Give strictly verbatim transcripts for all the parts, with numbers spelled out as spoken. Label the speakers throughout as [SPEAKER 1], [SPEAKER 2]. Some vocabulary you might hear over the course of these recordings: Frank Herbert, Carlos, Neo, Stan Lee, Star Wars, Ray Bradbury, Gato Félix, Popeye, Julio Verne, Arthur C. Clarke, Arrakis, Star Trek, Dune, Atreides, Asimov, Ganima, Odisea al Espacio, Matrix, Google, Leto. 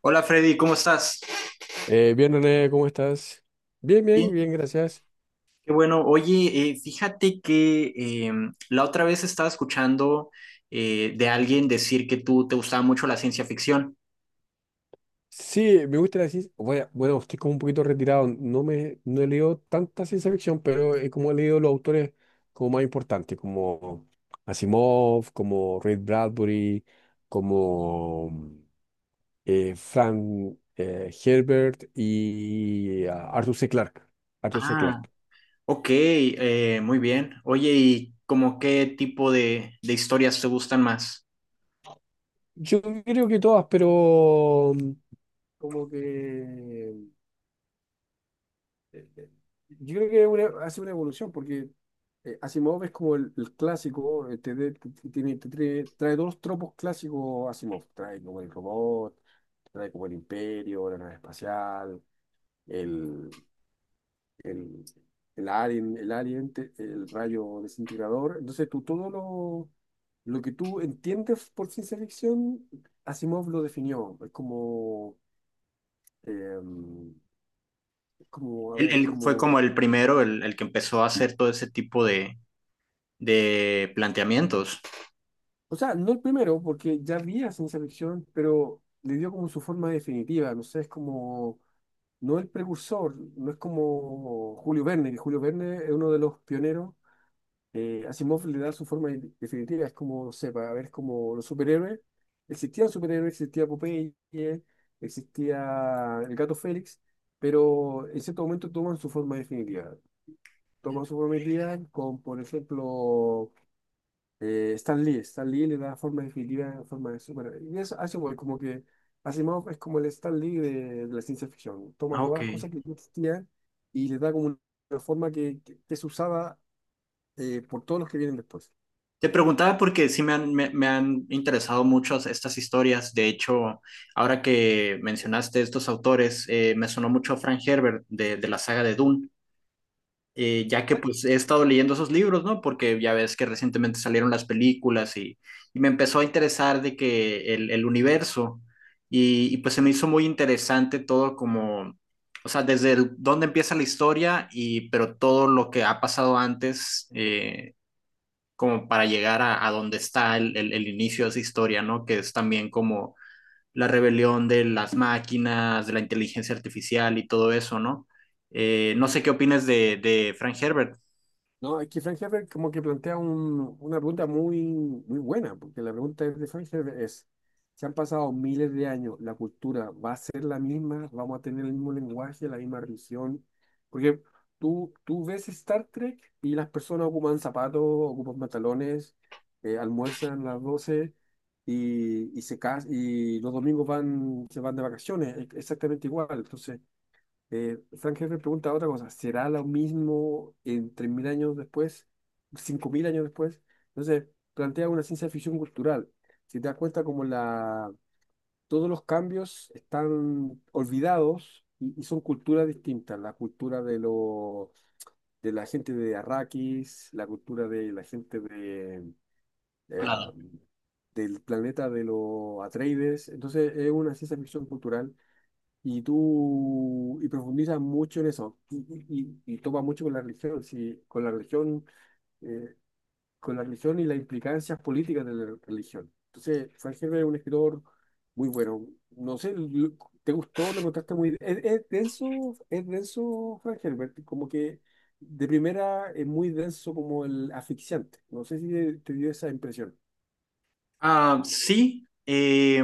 [SPEAKER 1] Hola, Freddy, ¿cómo estás?
[SPEAKER 2] Eh, bien, René, ¿cómo estás? Bien, bien,
[SPEAKER 1] Bien.
[SPEAKER 2] bien, gracias.
[SPEAKER 1] Qué bueno. Oye, eh, fíjate que eh, la otra vez estaba escuchando eh, de alguien decir que tú te gustaba mucho la ciencia ficción.
[SPEAKER 2] Sí, me gusta la ciencia. Bueno, bueno, estoy como un poquito retirado. No me, no he leído tanta ciencia ficción, pero he como he leído los autores como más importantes, como Asimov, como Ray Bradbury, como eh, Frank eh, Herbert y ah, Arthur C. Clarke. Arthur C.
[SPEAKER 1] Ah,
[SPEAKER 2] Clarke.
[SPEAKER 1] ok, eh, muy bien. Oye, ¿y como qué tipo de, de historias te gustan más?
[SPEAKER 2] Yo creo que todas, pero mm, como que eh, eh, yo creo que una- hace una evolución, porque eh, Asimov es como el, el clásico, eh, te, de- te- te- tiene- te trae, trae todos los tropos clásicos Asimov, trae como el robot, trae como el imperio, la nave espacial, el, el, el alien, el alien, te- el rayo desintegrador. Entonces tú todo lo, lo que tú entiendes por ciencia ficción, Asimov lo definió. Es como, em, es como, a
[SPEAKER 1] Él,
[SPEAKER 2] ver,
[SPEAKER 1] él fue
[SPEAKER 2] como...
[SPEAKER 1] como el primero, el, el que empezó a hacer todo ese tipo de, de planteamientos.
[SPEAKER 2] O sea, no el primero, porque ya había ciencia ficción, pero le dio como su forma definitiva. No sé, es como, no el precursor, no es como Julio Verne, que Julio Verne es uno de los pioneros. eh, Asimov le da su forma de- definitiva, es como, no sé, para ver, es como los superhéroes. Existían superhéroes, existía Popeye, existía el Gato Félix, pero en cierto momento toman su forma definitiva. Toman su forma definitiva con, por ejemplo, eh, Stan Lee, Stan Lee le da forma definitiva, forma de super. Y eso hace igual, como que Asimov es como el Stan Lee de, de la ciencia ficción. Toma
[SPEAKER 1] Ah,
[SPEAKER 2] todas
[SPEAKER 1] ok.
[SPEAKER 2] las cosas que ya existían y le da como una forma que, que- que es usada eh, por todos los que vienen después.
[SPEAKER 1] Te preguntaba porque sí me han, me, me han interesado mucho estas historias. De hecho, ahora que mencionaste estos autores, eh, me sonó mucho Frank Herbert de, de la saga de Dune, eh, ya que pues he estado leyendo esos libros, ¿no? Porque ya ves que recientemente salieron las películas y, y me empezó a interesar de que el, el universo y, y pues se me hizo muy interesante todo como, o sea, desde el- dónde empieza la historia, y pero todo lo que ha pasado antes, eh, como para llegar a, a donde está el, el, el, inicio de esa historia, ¿no? Que es también como la rebelión de las máquinas, de la inteligencia artificial y todo eso, ¿no? Eh, no sé qué opinas de, de Frank Herbert.
[SPEAKER 2] No, es que Frank Herbert como que plantea un- una pregunta muy, muy buena, porque la pregunta es de Frank Herbert es, se han pasado miles de años, ¿la cultura va a ser la misma? ¿Vamos a tener el mismo lenguaje, la misma religión? Porque tú, tú ves Star Trek y las personas ocupan zapatos, ocupan pantalones, eh, almuerzan a las doce y, y, se cas- y los domingos van, se van de vacaciones, e- exactamente igual. Entonces, eh, Frank Herbert pregunta otra cosa, ¿será lo mismo en tres mil años después, cinco mil años después? Entonces, plantea una ciencia ficción cultural. Si te das cuenta como la, todos los cambios están olvidados y, y son culturas distintas, la cultura de, lo, de la gente de Arrakis, la cultura de la gente de, eh, del planeta de los Atreides. Entonces, es una ciencia ficción cultural y tú, y profundiza mucho en eso, y, y, y- y topa mucho con la religión, sí, con la religión, eh, con la religión y las implicancias políticas de la religión. Entonces, Frank Herbert es un escritor muy bueno. No sé, lo- ¿te gustó? ¿Lo encontraste muy... Es, es denso, es denso, Frank Herbert, como que de primera es muy denso como el asfixiante. No sé si te dio esa impresión.
[SPEAKER 1] Ah, sí, eh,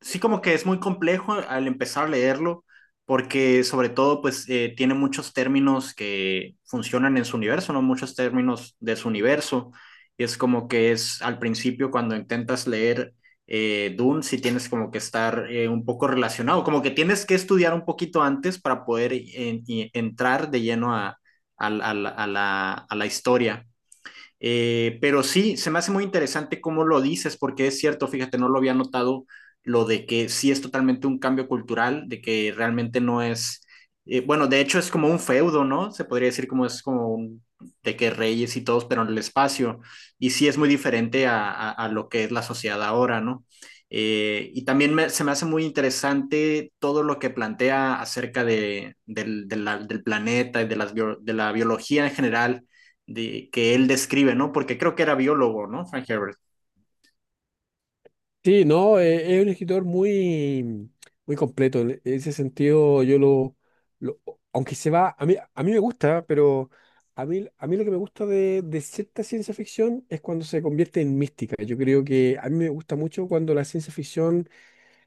[SPEAKER 1] sí, como que es muy complejo al empezar a leerlo, porque sobre todo pues eh, tiene muchos términos que funcionan en su universo, ¿no? Muchos términos de su universo. Y es como que es al principio cuando intentas leer eh, Dune, sí tienes como que estar eh, un poco relacionado, como que tienes que estudiar un poquito antes para poder eh, y- entrar de lleno a, a la a la- a la- a la historia. Eh, pero sí, se me hace muy interesante cómo lo dices, porque es cierto, fíjate, no lo había notado lo de que sí es totalmente un cambio cultural, de que realmente no es, eh, bueno, de hecho es como un feudo, ¿no? Se podría decir como es como un, de que reyes y todos, pero en el espacio, y sí es muy diferente a, a, a lo que es la sociedad ahora, ¿no? Eh, y también me, se me hace muy interesante todo lo que plantea acerca de, del, de la, del planeta y de, las bio, de la biología en general de, que él describe, ¿no? Porque creo que era biólogo, ¿no? Frank Herbert.
[SPEAKER 2] Sí, no, eh, es un escritor muy, muy completo. En ese sentido, yo lo, lo- aunque se va, a mí, a mí me gusta, pero a mí, a mí lo que me gusta de, de cierta ciencia ficción es cuando se convierte en mística. Yo creo que a mí me gusta mucho cuando la ciencia ficción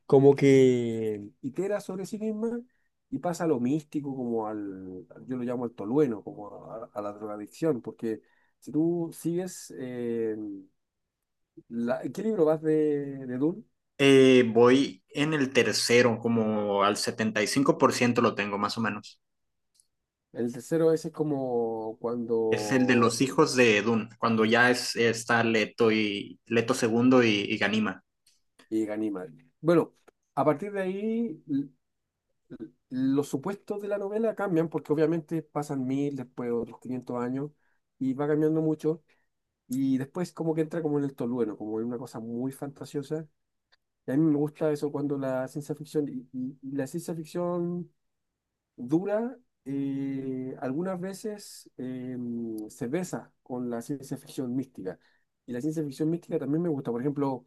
[SPEAKER 2] como que itera sobre sí misma y pasa a lo místico, como al, yo lo llamo al tolueno, como a, a la drogadicción, porque si tú sigues, eh, la- ¿qué libro vas de, de Dune?
[SPEAKER 1] Eh, voy en el tercero, como al setenta y cinco por ciento lo tengo, más o menos.
[SPEAKER 2] El tercero ese es como
[SPEAKER 1] Es el de
[SPEAKER 2] cuando
[SPEAKER 1] los hijos de Dune, cuando ya es, está Leto y Leto segundo y, y Ganima.
[SPEAKER 2] llega animal. Bueno, a partir de ahí l- l- los supuestos de la novela cambian porque obviamente pasan mil, después otros quinientos años y va cambiando mucho y después como que entra como en el tolueno, como en una cosa muy fantasiosa. Y a mí me gusta eso cuando la ciencia ficción y, y- y la ciencia ficción dura eh, algunas veces eh, se besa con la ciencia ficción mística. Y la ciencia ficción mística también me gusta. Por ejemplo,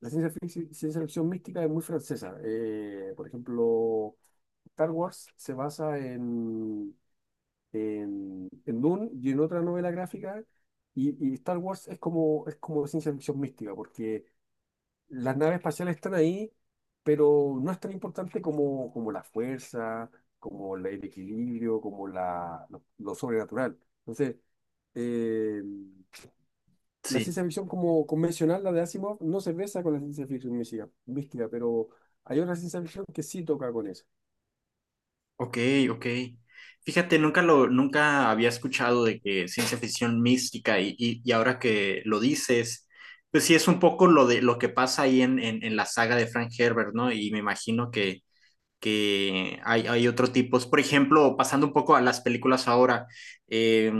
[SPEAKER 2] la ciencia fic- ciencia ficción, mística es muy francesa. Eh, por ejemplo, Star Wars se basa en, en, en Dune y en otra novela gráfica. Y, y Star Wars es como, es como ciencia ficción mística, porque las naves espaciales están ahí, pero no es tan importante como, como la fuerza, como la- el equilibrio, como la, lo, lo sobrenatural. Entonces, eh, la
[SPEAKER 1] Sí,
[SPEAKER 2] ciencia ficción como convencional, la de Asimov, no se besa con la ciencia ficción mística, mística, pero hay otra ciencia ficción que sí toca con eso.
[SPEAKER 1] ok, ok. Fíjate, nunca lo, nunca había escuchado de que ciencia ficción mística y, y, y ahora que lo dices, pues sí es un poco lo de lo que pasa ahí en, en, en la saga de Frank Herbert, ¿no? Y me imagino que que hay, hay otro tipo. Por ejemplo, pasando un poco a las películas ahora, eh,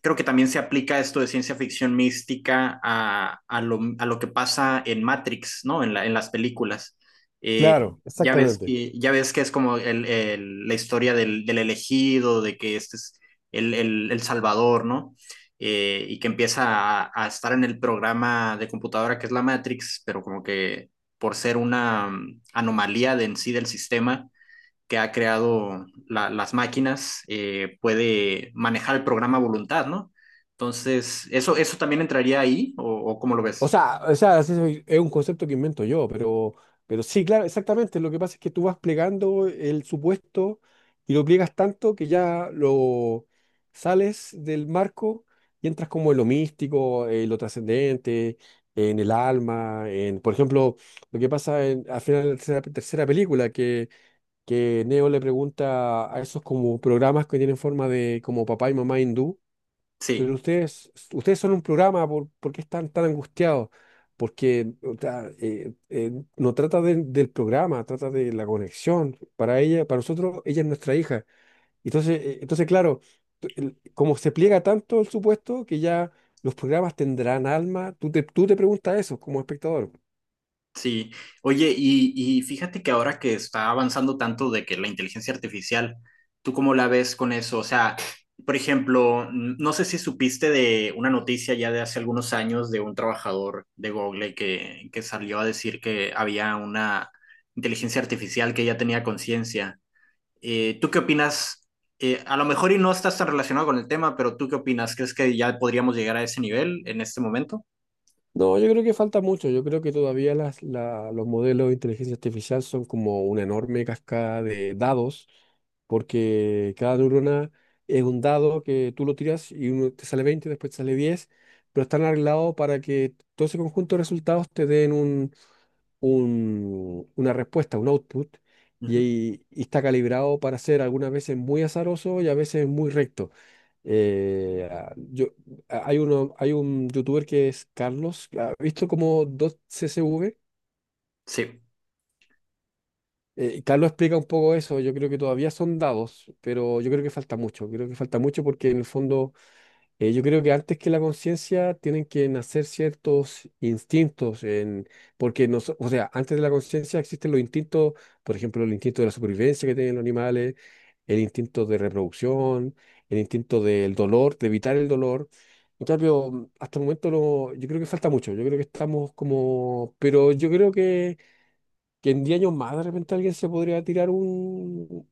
[SPEAKER 1] creo que también se aplica esto de ciencia ficción mística a, a, lo, a lo que pasa en Matrix, ¿no? En, la, en las películas. Eh,
[SPEAKER 2] Claro,
[SPEAKER 1] ya, ves
[SPEAKER 2] exactamente.
[SPEAKER 1] que, ya ves que es como el, el, la historia del, del elegido, de que este es el, el el Salvador, ¿no? Eh, y que empieza a, a, estar en el programa de computadora que es la Matrix, pero como que por ser una mm, anomalía de en sí del sistema que ha creado la, las máquinas, eh, puede manejar el programa a voluntad, ¿no? Entonces, ¿eso, eso también entraría ahí o, o cómo lo
[SPEAKER 2] O
[SPEAKER 1] ves?
[SPEAKER 2] sea, o sea, así se- es un concepto que invento yo, pero, pero sí, claro, exactamente. Lo que pasa es que tú vas plegando el supuesto y lo pliegas tanto que ya lo sales del marco y entras como en lo místico, en lo trascendente, en el alma, en, por ejemplo, lo que pasa en, al final de la tercera, tercera película, que Neo le pregunta a esos como programas que tienen forma de como papá y mamá hindú,
[SPEAKER 1] Sí.
[SPEAKER 2] pero ustedes, ustedes son un programa, ¿por, ¿por qué están tan angustiados? Porque o sea, eh, eh, no trata de- del programa, trata de la conexión. Para ella, para nosotros, ella es nuestra hija. Entonces, eh, entonces claro, t- el- como se pliega tanto el supuesto que ya los programas tendrán alma, tú te, tú te preguntas eso como espectador.
[SPEAKER 1] Sí, oye, y, y fíjate que ahora que está avanzando tanto de que la inteligencia artificial, ¿tú cómo la ves con eso? O sea, por ejemplo, n- no sé si supiste de una noticia ya de hace algunos años de un trabajador de Google que, que salió a decir que había una inteligencia artificial que ya tenía conciencia. Eh, ¿tú qué opinas? Eh, a lo mejor y no estás tan relacionado con el tema, pero ¿tú qué opinas? ¿Crees que ya podríamos llegar a ese nivel en este momento?
[SPEAKER 2] No, yo creo que falta mucho. Yo creo que todavía las, la- los modelos de inteligencia artificial son como una enorme cascada de dados, porque cada neurona es un dado que tú lo tiras y uno te sale veinte, después te sale diez, pero están arreglados para que todo ese conjunto de resultados te den un- una respuesta, un output,
[SPEAKER 1] Ujú.
[SPEAKER 2] y, y está calibrado para ser algunas veces muy azaroso y a veces muy recto. Eh, ah, yo, a- hay uno, hay un youtuber que es Carlos, ¿ha visto como dos C S V?
[SPEAKER 1] Sí.
[SPEAKER 2] Eh, Carlos explica un poco eso, yo creo que todavía son dados, pero yo creo que falta mucho, creo que falta mucho porque en el fondo Eh, yo creo que antes que la conciencia tienen que nacer ciertos instintos, en, porque nos, o sea, antes de la conciencia existen los instintos, por ejemplo, el instinto de la supervivencia que tienen los animales, el instinto de reproducción, el instinto del dolor, de evitar el dolor. En cambio, mm, hasta el momento no, yo creo que falta mucho, yo creo que estamos como, pero yo creo que, que en diez años más de repente alguien se podría tirar un,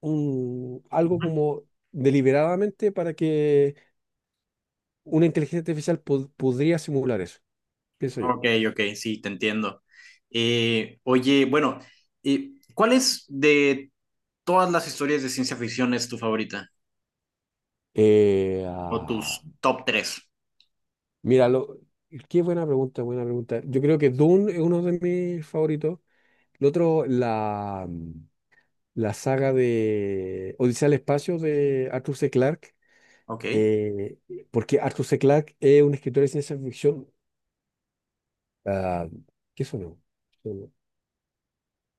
[SPEAKER 2] un algo como deliberadamente para que una inteligencia artificial pod- podría simular eso, pienso yo.
[SPEAKER 1] Ok, ok, sí, te entiendo. Eh, oye, bueno, eh, ¿cuál es de todas las historias de ciencia ficción es tu favorita?
[SPEAKER 2] Eh,
[SPEAKER 1] ¿O
[SPEAKER 2] ah,
[SPEAKER 1] tus top tres?
[SPEAKER 2] mira, lo- qué buena pregunta, buena pregunta. Yo creo que Dune es uno de mis favoritos. El otro, la, la saga de Odisea al Espacio de Arthur C. Clarke,
[SPEAKER 1] Ok.
[SPEAKER 2] eh, porque Arthur C. Clarke es un escritor de ciencia ficción. ah, ¿qué sonó?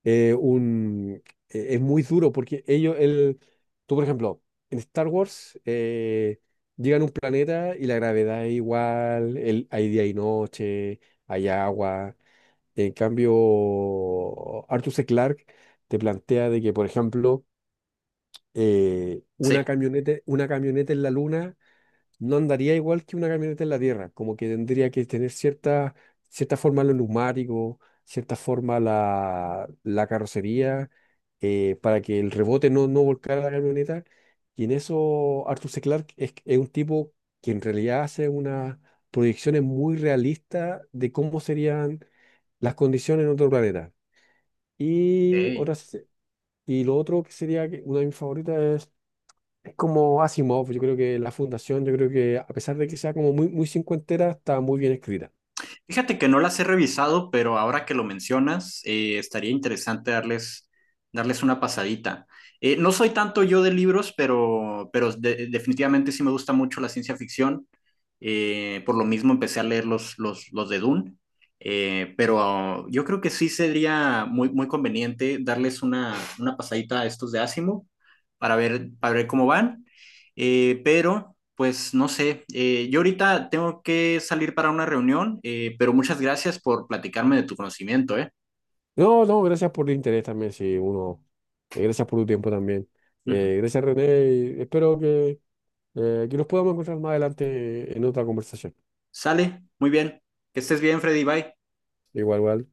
[SPEAKER 2] eh, un, eh, es muy duro porque ellos, el, tú por ejemplo, en Star Wars eh, llegan a un planeta y la gravedad es igual, el, hay día y noche, hay agua. En cambio, Arthur C. Clarke te plantea de que, por ejemplo, eh,
[SPEAKER 1] Sí.
[SPEAKER 2] una camioneta, una camioneta en la luna no andaría igual que una camioneta en la tierra, como que tendría que tener cierta, cierta forma los neumáticos, cierta forma la, la carrocería, eh, para que el rebote no, no volcara la camioneta. Y en eso Arthur C. Clarke es, es un tipo que en realidad hace unas proyecciones muy realistas de cómo serían las condiciones en otro planeta. Y,
[SPEAKER 1] Ok.
[SPEAKER 2] otras, y lo otro que sería que una de mis favoritas como Asimov, yo creo que la fundación, yo creo que a pesar de que sea como muy, muy cincuentera, está muy bien escrita.
[SPEAKER 1] Fíjate que no las he revisado, pero ahora que lo mencionas, eh, estaría interesante darles, darles una pasadita. Eh, no soy tanto yo de libros, pero, pero de- definitivamente sí me gusta mucho la ciencia ficción. Eh, por lo mismo empecé a leer los, los, los de Dune. Eh, pero yo creo que sí sería muy, muy conveniente darles una, una pasadita a estos de Asimov para ver, para ver cómo van. Eh, pero, pues no sé, eh, yo ahorita tengo que salir para una reunión, eh, pero muchas gracias por platicarme de tu conocimiento, ¿eh?
[SPEAKER 2] No, no, gracias por el interés también, sí, uno. Eh, gracias por tu tiempo también.
[SPEAKER 1] Ujú.
[SPEAKER 2] Eh, gracias, René. Y espero que, eh, que nos podamos encontrar más adelante en otra conversación.
[SPEAKER 1] Sale, muy bien. Que estés bien, Freddy, bye.
[SPEAKER 2] Igual, igual.